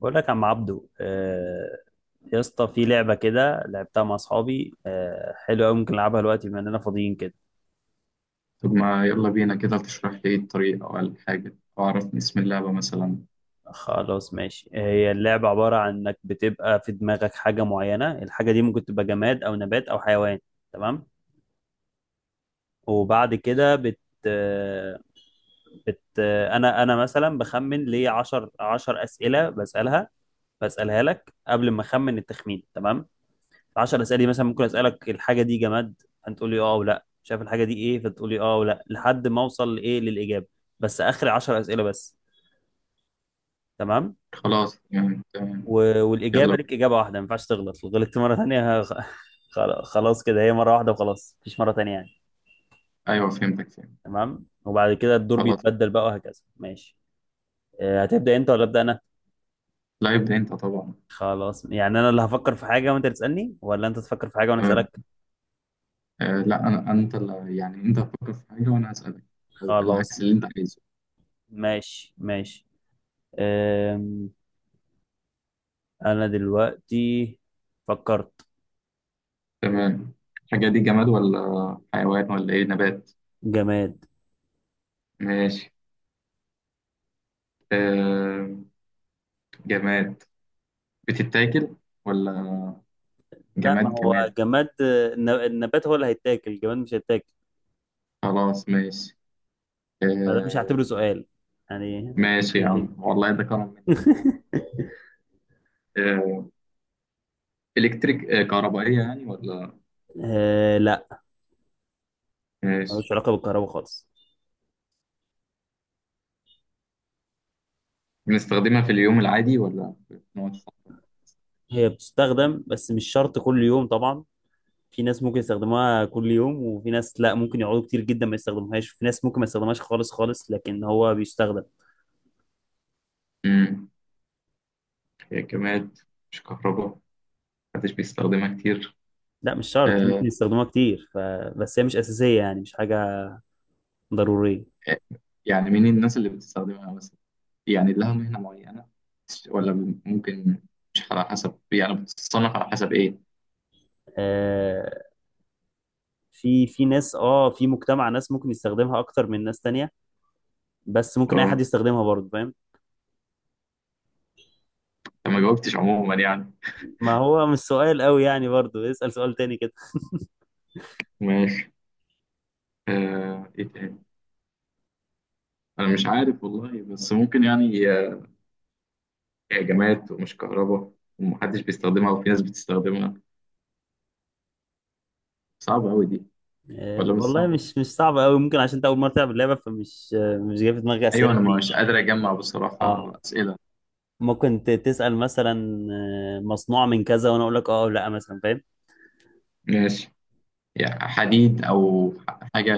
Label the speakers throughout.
Speaker 1: بقول لك يا عم عبدو، يا اسطى، في لعبة كده لعبتها مع أصحابي، حلوة أوي. ممكن نلعبها دلوقتي بما إننا فاضيين كده.
Speaker 2: طب ما يلا بينا كده، تشرح لي إيه الطريق أو الحاجة أو عرفني اسم اللعبة مثلا.
Speaker 1: خلاص ماشي. هي اللعبة عبارة عن إنك بتبقى في دماغك حاجة معينة، الحاجة دي ممكن تبقى جماد أو نبات أو حيوان. تمام. وبعد كده بت آه، بت آه، أنا مثلا بخمن ليه عشر أسئلة، بسألها لك قبل ما أخمن التخمين. تمام. 10 اسئله مثلا، ممكن اسالك الحاجه دي جماد، فانت تقول لي اه او لا. شايف الحاجه دي ايه، فتقول لي اه او لا، لحد ما اوصل لايه، للاجابه. بس اخر 10 اسئله بس. تمام.
Speaker 2: خلاص، تمام تمام. يلا
Speaker 1: والاجابه
Speaker 2: بينا.
Speaker 1: ليك اجابه واحده، ما ينفعش تغلط، لو غلطت مره ثانيه. خلاص خلاص كده، هي مره واحده وخلاص، مفيش مره ثانيه يعني.
Speaker 2: أيوه، فهمتك فهمت.
Speaker 1: تمام. وبعد كده الدور
Speaker 2: خلاص،
Speaker 1: بيتبدل بقى، وهكذا ماشي. هتبدا انت ولا ابدا انا؟
Speaker 2: لا يبدأ أنت طبعا.
Speaker 1: خلاص يعني انا اللي هفكر في حاجه وانت تسالني، ولا انت تفكر في حاجه وانا
Speaker 2: تمام.
Speaker 1: اسالك.
Speaker 2: آه لا، أنت اللي يعني أنت هتفكر في حاجة وأنا هسألك. أو
Speaker 1: خلاص
Speaker 2: العكس اللي أنت عايزه.
Speaker 1: ماشي ماشي. أم... انا دلوقتي فكرت.
Speaker 2: تمام. الحاجة دي جماد ولا حيوان ولا إيه، نبات؟
Speaker 1: جماد.
Speaker 2: ماشي. آه، جماد. بتتاكل ولا؟
Speaker 1: لا، ما
Speaker 2: جماد
Speaker 1: هو
Speaker 2: جماد؟
Speaker 1: جماد. النبات هو اللي هيتاكل، الجماد مش هيتاكل.
Speaker 2: خلاص ماشي.
Speaker 1: فده مش
Speaker 2: آه،
Speaker 1: هعتبره سؤال يعني.
Speaker 2: ماشي يا عم، والله ده كرم منك. آه، إلكتريك، كهربائية يعني، ولا؟
Speaker 1: آه لا،
Speaker 2: ماشي.
Speaker 1: ملوش علاقة بالكهرباء خالص.
Speaker 2: بنستخدمها في اليوم العادي ولا في نوع الصحراء؟
Speaker 1: هي بتستخدم بس مش شرط كل يوم طبعا. في ناس ممكن يستخدموها كل يوم، وفي ناس لا، ممكن يقعدوا كتير جدا ما يستخدموهاش، وفي ناس ممكن ما يستخدمهاش خالص خالص، لكن هو بيستخدم.
Speaker 2: امم هي كماد، مش كهرباء، محدش بيستخدمها كتير.
Speaker 1: لا مش شرط،
Speaker 2: آه،
Speaker 1: ممكن يستخدموها كتير بس هي مش أساسية، يعني مش حاجة ضرورية.
Speaker 2: آه، يعني مين الناس اللي بتستخدمها مثلا؟ يعني لها مهنة معينة ولا ممكن؟ مش على حسب، يعني بتتصنف على حسب ايه؟
Speaker 1: آه، في ناس، اه، في مجتمع ناس ممكن يستخدمها اكتر من ناس تانية، بس ممكن اي حد
Speaker 2: اه.
Speaker 1: يستخدمها برضه، فاهم.
Speaker 2: أنا ما جاوبتش عموما يعني.
Speaker 1: ما هو مش سؤال قوي يعني، برضه اسأل سؤال تاني كده.
Speaker 2: ماشي. ايه تاني؟ انا مش عارف والله، بس ممكن يعني، هي جماد ومش كهرباء ومحدش بيستخدمها وفي ناس بتستخدمها. صعبة أوي دي. ولا مش
Speaker 1: والله
Speaker 2: صعبة؟
Speaker 1: مش صعب قوي، ممكن عشان انت اول مرة تلعب اللعبة، فمش مش جاي في دماغي
Speaker 2: أيوة،
Speaker 1: اسئلة
Speaker 2: أنا
Speaker 1: كتير.
Speaker 2: مش قادر أجمع
Speaker 1: اه
Speaker 2: بصراحة أسئلة.
Speaker 1: ممكن تسأل مثلا، مصنوع من كذا، وانا اقول لك اه أو لا مثلا، فاهم.
Speaker 2: ماشي. يعني حديد أو حاجة،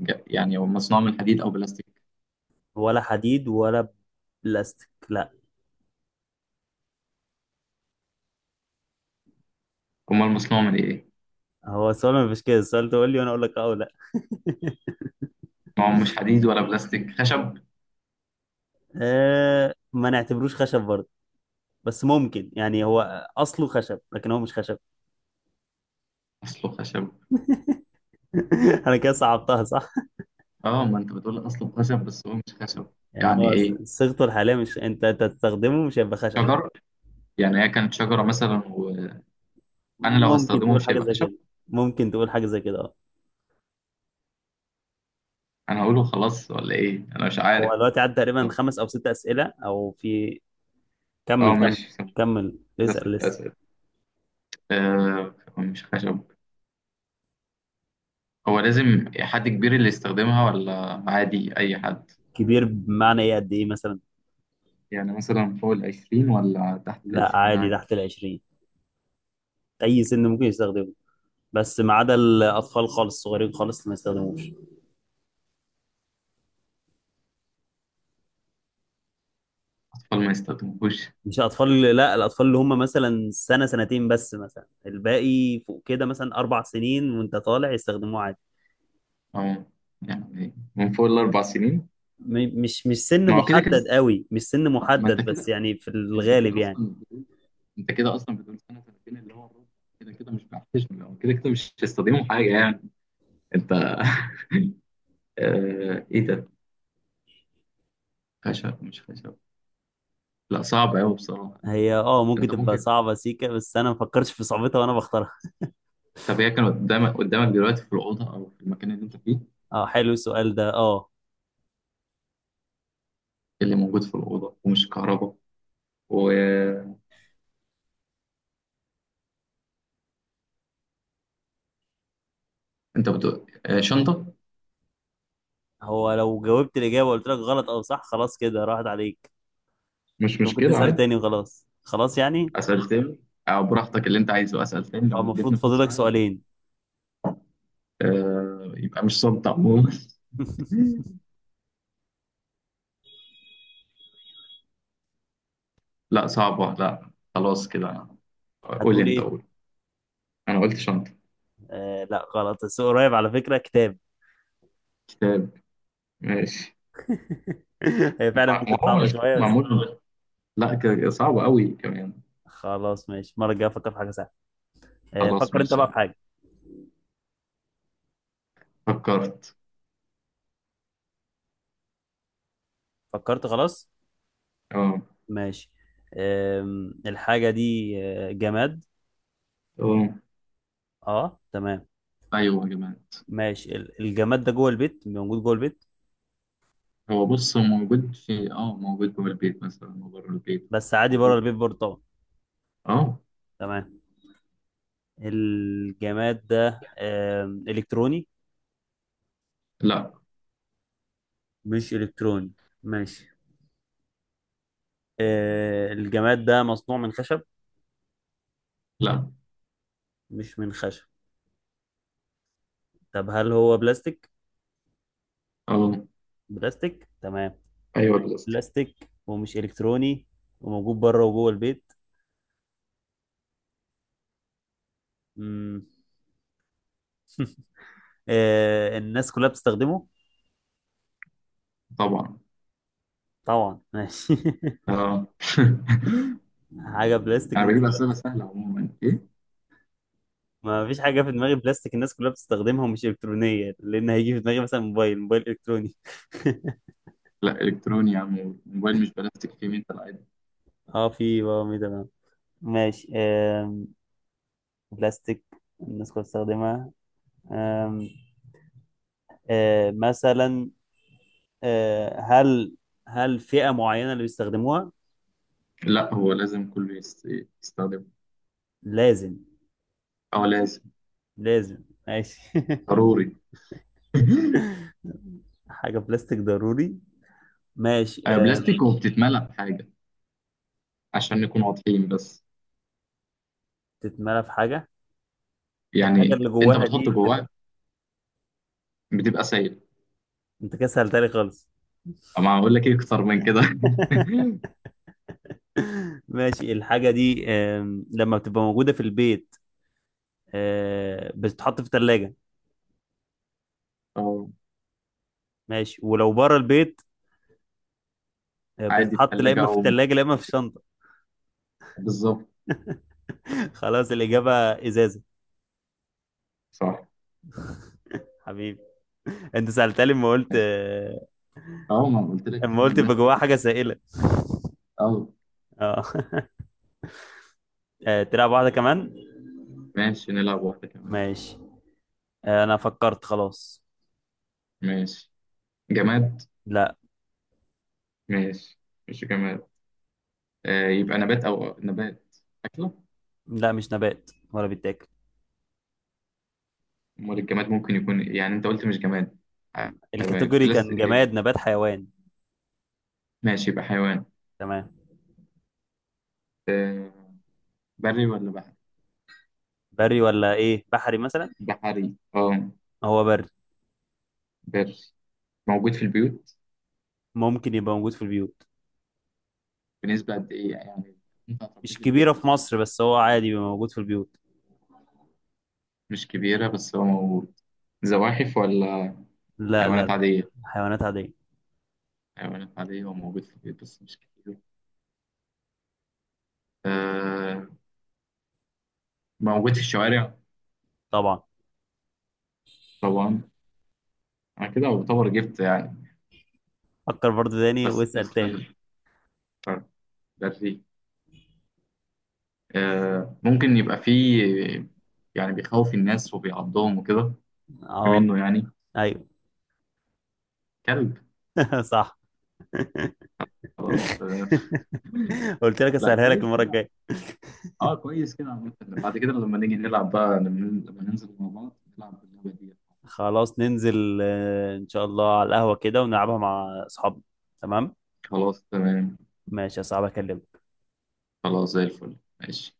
Speaker 2: يعني هو مصنوع من حديد أو بلاستيك؟
Speaker 1: ولا حديد ولا بلاستيك، لا.
Speaker 2: أمال مصنوع من إيه؟
Speaker 1: هو السؤال ما فيش كده، السؤال تقول لي وانا اقول لك اه أو لا.
Speaker 2: ما هو مش حديد ولا بلاستيك، خشب؟
Speaker 1: ما نعتبروش خشب برضه، بس ممكن يعني هو اصله خشب لكن هو مش خشب.
Speaker 2: أصله خشب.
Speaker 1: انا كده صعبتها صح.
Speaker 2: أه، ما أنت بتقول أصله خشب بس هو مش خشب.
Speaker 1: يعني
Speaker 2: يعني
Speaker 1: هو
Speaker 2: إيه؟
Speaker 1: صيغته الحاليه، مش انت أنت تستخدمه مش هيبقى خشب.
Speaker 2: شجر، يعني هي كانت شجرة مثلا، وأنا لو
Speaker 1: ممكن
Speaker 2: هستخدمه
Speaker 1: تقول
Speaker 2: مش
Speaker 1: حاجه
Speaker 2: هيبقى
Speaker 1: زي
Speaker 2: خشب.
Speaker 1: كده. ممكن تقول حاجه زي كده اه.
Speaker 2: أنا هقوله خلاص ولا إيه؟ أنا مش
Speaker 1: هو
Speaker 2: عارف.
Speaker 1: دلوقتي عدى تقريبا
Speaker 2: طب.
Speaker 1: خمس او ست اسئله او في.
Speaker 2: أه،
Speaker 1: كمل كمل.
Speaker 2: ماشي.
Speaker 1: كمل
Speaker 2: كده
Speaker 1: اسال
Speaker 2: ست
Speaker 1: لسه.
Speaker 2: أسئلة أه، مش خشب. هو لازم حد كبير اللي يستخدمها ولا عادي أي حد؟
Speaker 1: كبير بمعنى ايه؟ قد ايه مثلا؟
Speaker 2: يعني مثلا فوق العشرين ولا تحت
Speaker 1: لا
Speaker 2: العشرين
Speaker 1: عادي
Speaker 2: عادي؟
Speaker 1: تحت 20. اي سن ممكن يستخدمه بس ما عدا الاطفال خالص، الصغيرين خالص ما يستخدموش.
Speaker 2: أطفال ما يستخدموش،
Speaker 1: مش الاطفال، لا، الاطفال اللي هم مثلا سنه سنتين، بس مثلا الباقي فوق كده، مثلا 4 سنين وانت طالع، يستخدموه عادي.
Speaker 2: أو يعني من فوق الأربع سنين؟
Speaker 1: مش سن
Speaker 2: ما هو كده
Speaker 1: محدد
Speaker 2: كده،
Speaker 1: قوي، مش سن
Speaker 2: ما أنت
Speaker 1: محدد، بس
Speaker 2: كده،
Speaker 1: يعني في
Speaker 2: أنت
Speaker 1: الغالب
Speaker 2: كده
Speaker 1: يعني.
Speaker 2: أصلا بتقول أنت كده أصلا بتقول سنة سنتين اللي هو الربع. كده كده مش بيحتشم، هو كده كده مش هيستخدموا حاجة يعني. أنت... إيه ده؟ خشب مش خشب؟ لا، صعب أوي بصراحة.
Speaker 1: هي اه ممكن
Speaker 2: أنت
Speaker 1: تبقى
Speaker 2: ممكن.
Speaker 1: صعبة سيكا، بس انا ما فكرتش في صعوبتها وانا بختارها.
Speaker 2: طب، هي كانت قدامك دلوقتي في الأوضة أو في المكان اللي أنت فيه؟
Speaker 1: اه حلو السؤال ده اه.
Speaker 2: اللي موجود في الأوضة ومش كهرباء. وأنت بتقول شنطة.
Speaker 1: هو لو جاوبت الاجابة وقلت لك غلط او صح، خلاص كده راحت عليك.
Speaker 2: مش
Speaker 1: انت ممكن
Speaker 2: مشكلة،
Speaker 1: تسأل
Speaker 2: عادي.
Speaker 1: تاني وخلاص خلاص يعني.
Speaker 2: أسأل تاني. أو براحتك اللي أنت عايزه، أسأل تاني لو
Speaker 1: اه المفروض
Speaker 2: مديتني فرصة،
Speaker 1: فاضلك
Speaker 2: عادي.
Speaker 1: سؤالين.
Speaker 2: يبقى مش صمت عموما. لا، صعبة. لا، خلاص كده. قول،
Speaker 1: هتقول
Speaker 2: أنت
Speaker 1: ايه؟
Speaker 2: قول. أنا قلت شنطة.
Speaker 1: آه لا غلط، بس قريب على فكرة. كتاب.
Speaker 2: كتاب؟ ماشي.
Speaker 1: هي فعلا
Speaker 2: ما
Speaker 1: ممكن
Speaker 2: هو
Speaker 1: صعبة
Speaker 2: مش
Speaker 1: شوية بس.
Speaker 2: معمول. لا، صعب قوي كمان.
Speaker 1: خلاص ماشي، المرة الجاية أفكر في حاجة سهلة.
Speaker 2: خلاص
Speaker 1: فكر أنت
Speaker 2: ماشي.
Speaker 1: بقى في حاجة.
Speaker 2: فكرت.
Speaker 1: فكرت خلاص.
Speaker 2: اه.
Speaker 1: ماشي. الحاجة دي، جماد.
Speaker 2: اه.
Speaker 1: أه تمام.
Speaker 2: ايوه يا جماعه.
Speaker 1: ماشي. الجماد ده جوه البيت، موجود جوه البيت.
Speaker 2: هو بص، هو موجود في اه موجود جوه البيت مثلا وبره البيت
Speaker 1: بس عادي بره
Speaker 2: موجود.
Speaker 1: البيت برضه طبعا.
Speaker 2: اه.
Speaker 1: تمام. الجماد ده إلكتروني؟
Speaker 2: لا،
Speaker 1: مش إلكتروني، ماشي. الجماد ده مصنوع من خشب؟
Speaker 2: لا.
Speaker 1: مش من خشب. طب هل هو بلاستيك؟
Speaker 2: اه.
Speaker 1: بلاستيك، تمام.
Speaker 2: ايوه، البلاستيك.
Speaker 1: بلاستيك ومش الكتروني، وموجود بره وجوه البيت. امم آه الناس كلها بتستخدمه؟
Speaker 2: طبعا.
Speaker 1: طبعا، ماشي.
Speaker 2: اه.
Speaker 1: حاجه بلاستيك
Speaker 2: انا
Speaker 1: الناس
Speaker 2: بجيب
Speaker 1: كلها.
Speaker 2: اسئله سهله عموما، ايه؟
Speaker 1: ما فيش حاجه في دماغي بلاستيك الناس كلها بتستخدمها ومش الكترونيه، لان هيجي في دماغي مثلا موبايل، موبايل الكتروني.
Speaker 2: لا، الكتروني يا عم، الموبايل مش بلاستيك، فيه ميتال عادي.
Speaker 1: اه في بقى، تمام. ماشي. بلاستيك الناس كلها بتستخدمها. آم، آه، مثلا هل فئة معينة اللي بيستخدموها؟
Speaker 2: لا، هو لازم كله يستخدمه.
Speaker 1: لازم،
Speaker 2: اه، لازم.
Speaker 1: لازم ماشي.
Speaker 2: ضروري.
Speaker 1: حاجة بلاستيك ضروري، ماشي.
Speaker 2: بلاستيك وبتتملى بحاجه. عشان نكون واضحين بس.
Speaker 1: تتملى في حاجة، الحاجة
Speaker 2: يعني
Speaker 1: اللي
Speaker 2: انت
Speaker 1: جواها
Speaker 2: بتحط
Speaker 1: دي
Speaker 2: جواها.
Speaker 1: بتبقى.
Speaker 2: بتبقى سايل.
Speaker 1: انت كده سهلتها خالص.
Speaker 2: اما هقول لك ايه اكتر من كده؟
Speaker 1: ماشي، الحاجة دي لما بتبقى موجودة في البيت، بتتحط في التلاجة.
Speaker 2: اه.
Speaker 1: ماشي، ولو بره البيت،
Speaker 2: عادي، في
Speaker 1: بتتحط لا
Speaker 2: ثلاجة
Speaker 1: إما في
Speaker 2: أو بره
Speaker 1: التلاجة لا إما في
Speaker 2: التلاجة.
Speaker 1: الشنطة.
Speaker 2: بالظبط.
Speaker 1: خلاص، الإجابة إزازة.
Speaker 2: صح.
Speaker 1: حبيبي، أنت سألتها لي لما قلت،
Speaker 2: ماشي. أه، ما أنا قلت لك
Speaker 1: لما
Speaker 2: حاجة
Speaker 1: قلت يبقى جواها
Speaker 2: بلاستيك
Speaker 1: حاجة سائلة.
Speaker 2: أه.
Speaker 1: اه. تلعب واحدة كمان.
Speaker 2: ماشي، نلعب واحدة كمان.
Speaker 1: ماشي. أنا فكرت خلاص.
Speaker 2: ماشي. جماد؟
Speaker 1: لا
Speaker 2: ماشي. مش جماد. يبقى نبات أكلة؟
Speaker 1: لا، مش نبات ولا بيتاكل.
Speaker 2: أمال الجماد ممكن يكون إيه؟ يعني أنت قلت مش جماد. ح- حيوان
Speaker 1: الكاتيجوري كان
Speaker 2: بلاستيك
Speaker 1: جماد،
Speaker 2: إيه؟
Speaker 1: نبات، حيوان.
Speaker 2: ماشي، يبقى حيوان.
Speaker 1: تمام.
Speaker 2: آه. بري ولا بحري؟
Speaker 1: بري ولا ايه، بحري مثلا؟
Speaker 2: بحري؟ أه.
Speaker 1: هو بري.
Speaker 2: بري. موجود في البيوت؟
Speaker 1: ممكن يبقى موجود في البيوت.
Speaker 2: بنسبة قد إيه يعني؟ ينفع تربيه
Speaker 1: مش
Speaker 2: في البيت
Speaker 1: كبيرة في مصر،
Speaker 2: ولا؟
Speaker 1: بس هو عادي بيبقى موجود في البيوت.
Speaker 2: مش كبيرة بس هو موجود. زواحف ولا؟
Speaker 1: لا لا
Speaker 2: حيوانات
Speaker 1: لا،
Speaker 2: عادية؟
Speaker 1: حيوانات عادية.
Speaker 2: حيوانات عادية وموجود في البيت بس مش كتير. آه موجود في الشوارع؟
Speaker 1: طبعا.
Speaker 2: طبعا. أنا كده أعتبر جبت يعني.
Speaker 1: فكر برضو تاني
Speaker 2: بس
Speaker 1: واسأل تاني.
Speaker 2: استنى. بري. ممكن يبقى فيه يعني بيخوف الناس وبيعضهم وكده؟ في
Speaker 1: اه.
Speaker 2: منه يعني؟
Speaker 1: ايوه.
Speaker 2: كلب.
Speaker 1: صح.
Speaker 2: خلاص، آه.
Speaker 1: قلت لك
Speaker 2: لا،
Speaker 1: اسهلها لك
Speaker 2: كويس
Speaker 1: المرة
Speaker 2: كده.
Speaker 1: الجاية.
Speaker 2: اه، كويس كده عامة. بعد كده لما نيجي نلعب بقى، لما ننزل مع بعض نلعب باللعبة دي.
Speaker 1: خلاص ننزل، ان شاء الله على القهوة كده ونلعبها مع اصحابنا. تمام.
Speaker 2: خلاص، تمام.
Speaker 1: ماشي يا صاحبي، اكلمك.
Speaker 2: خلاص، زي الفل ماشي.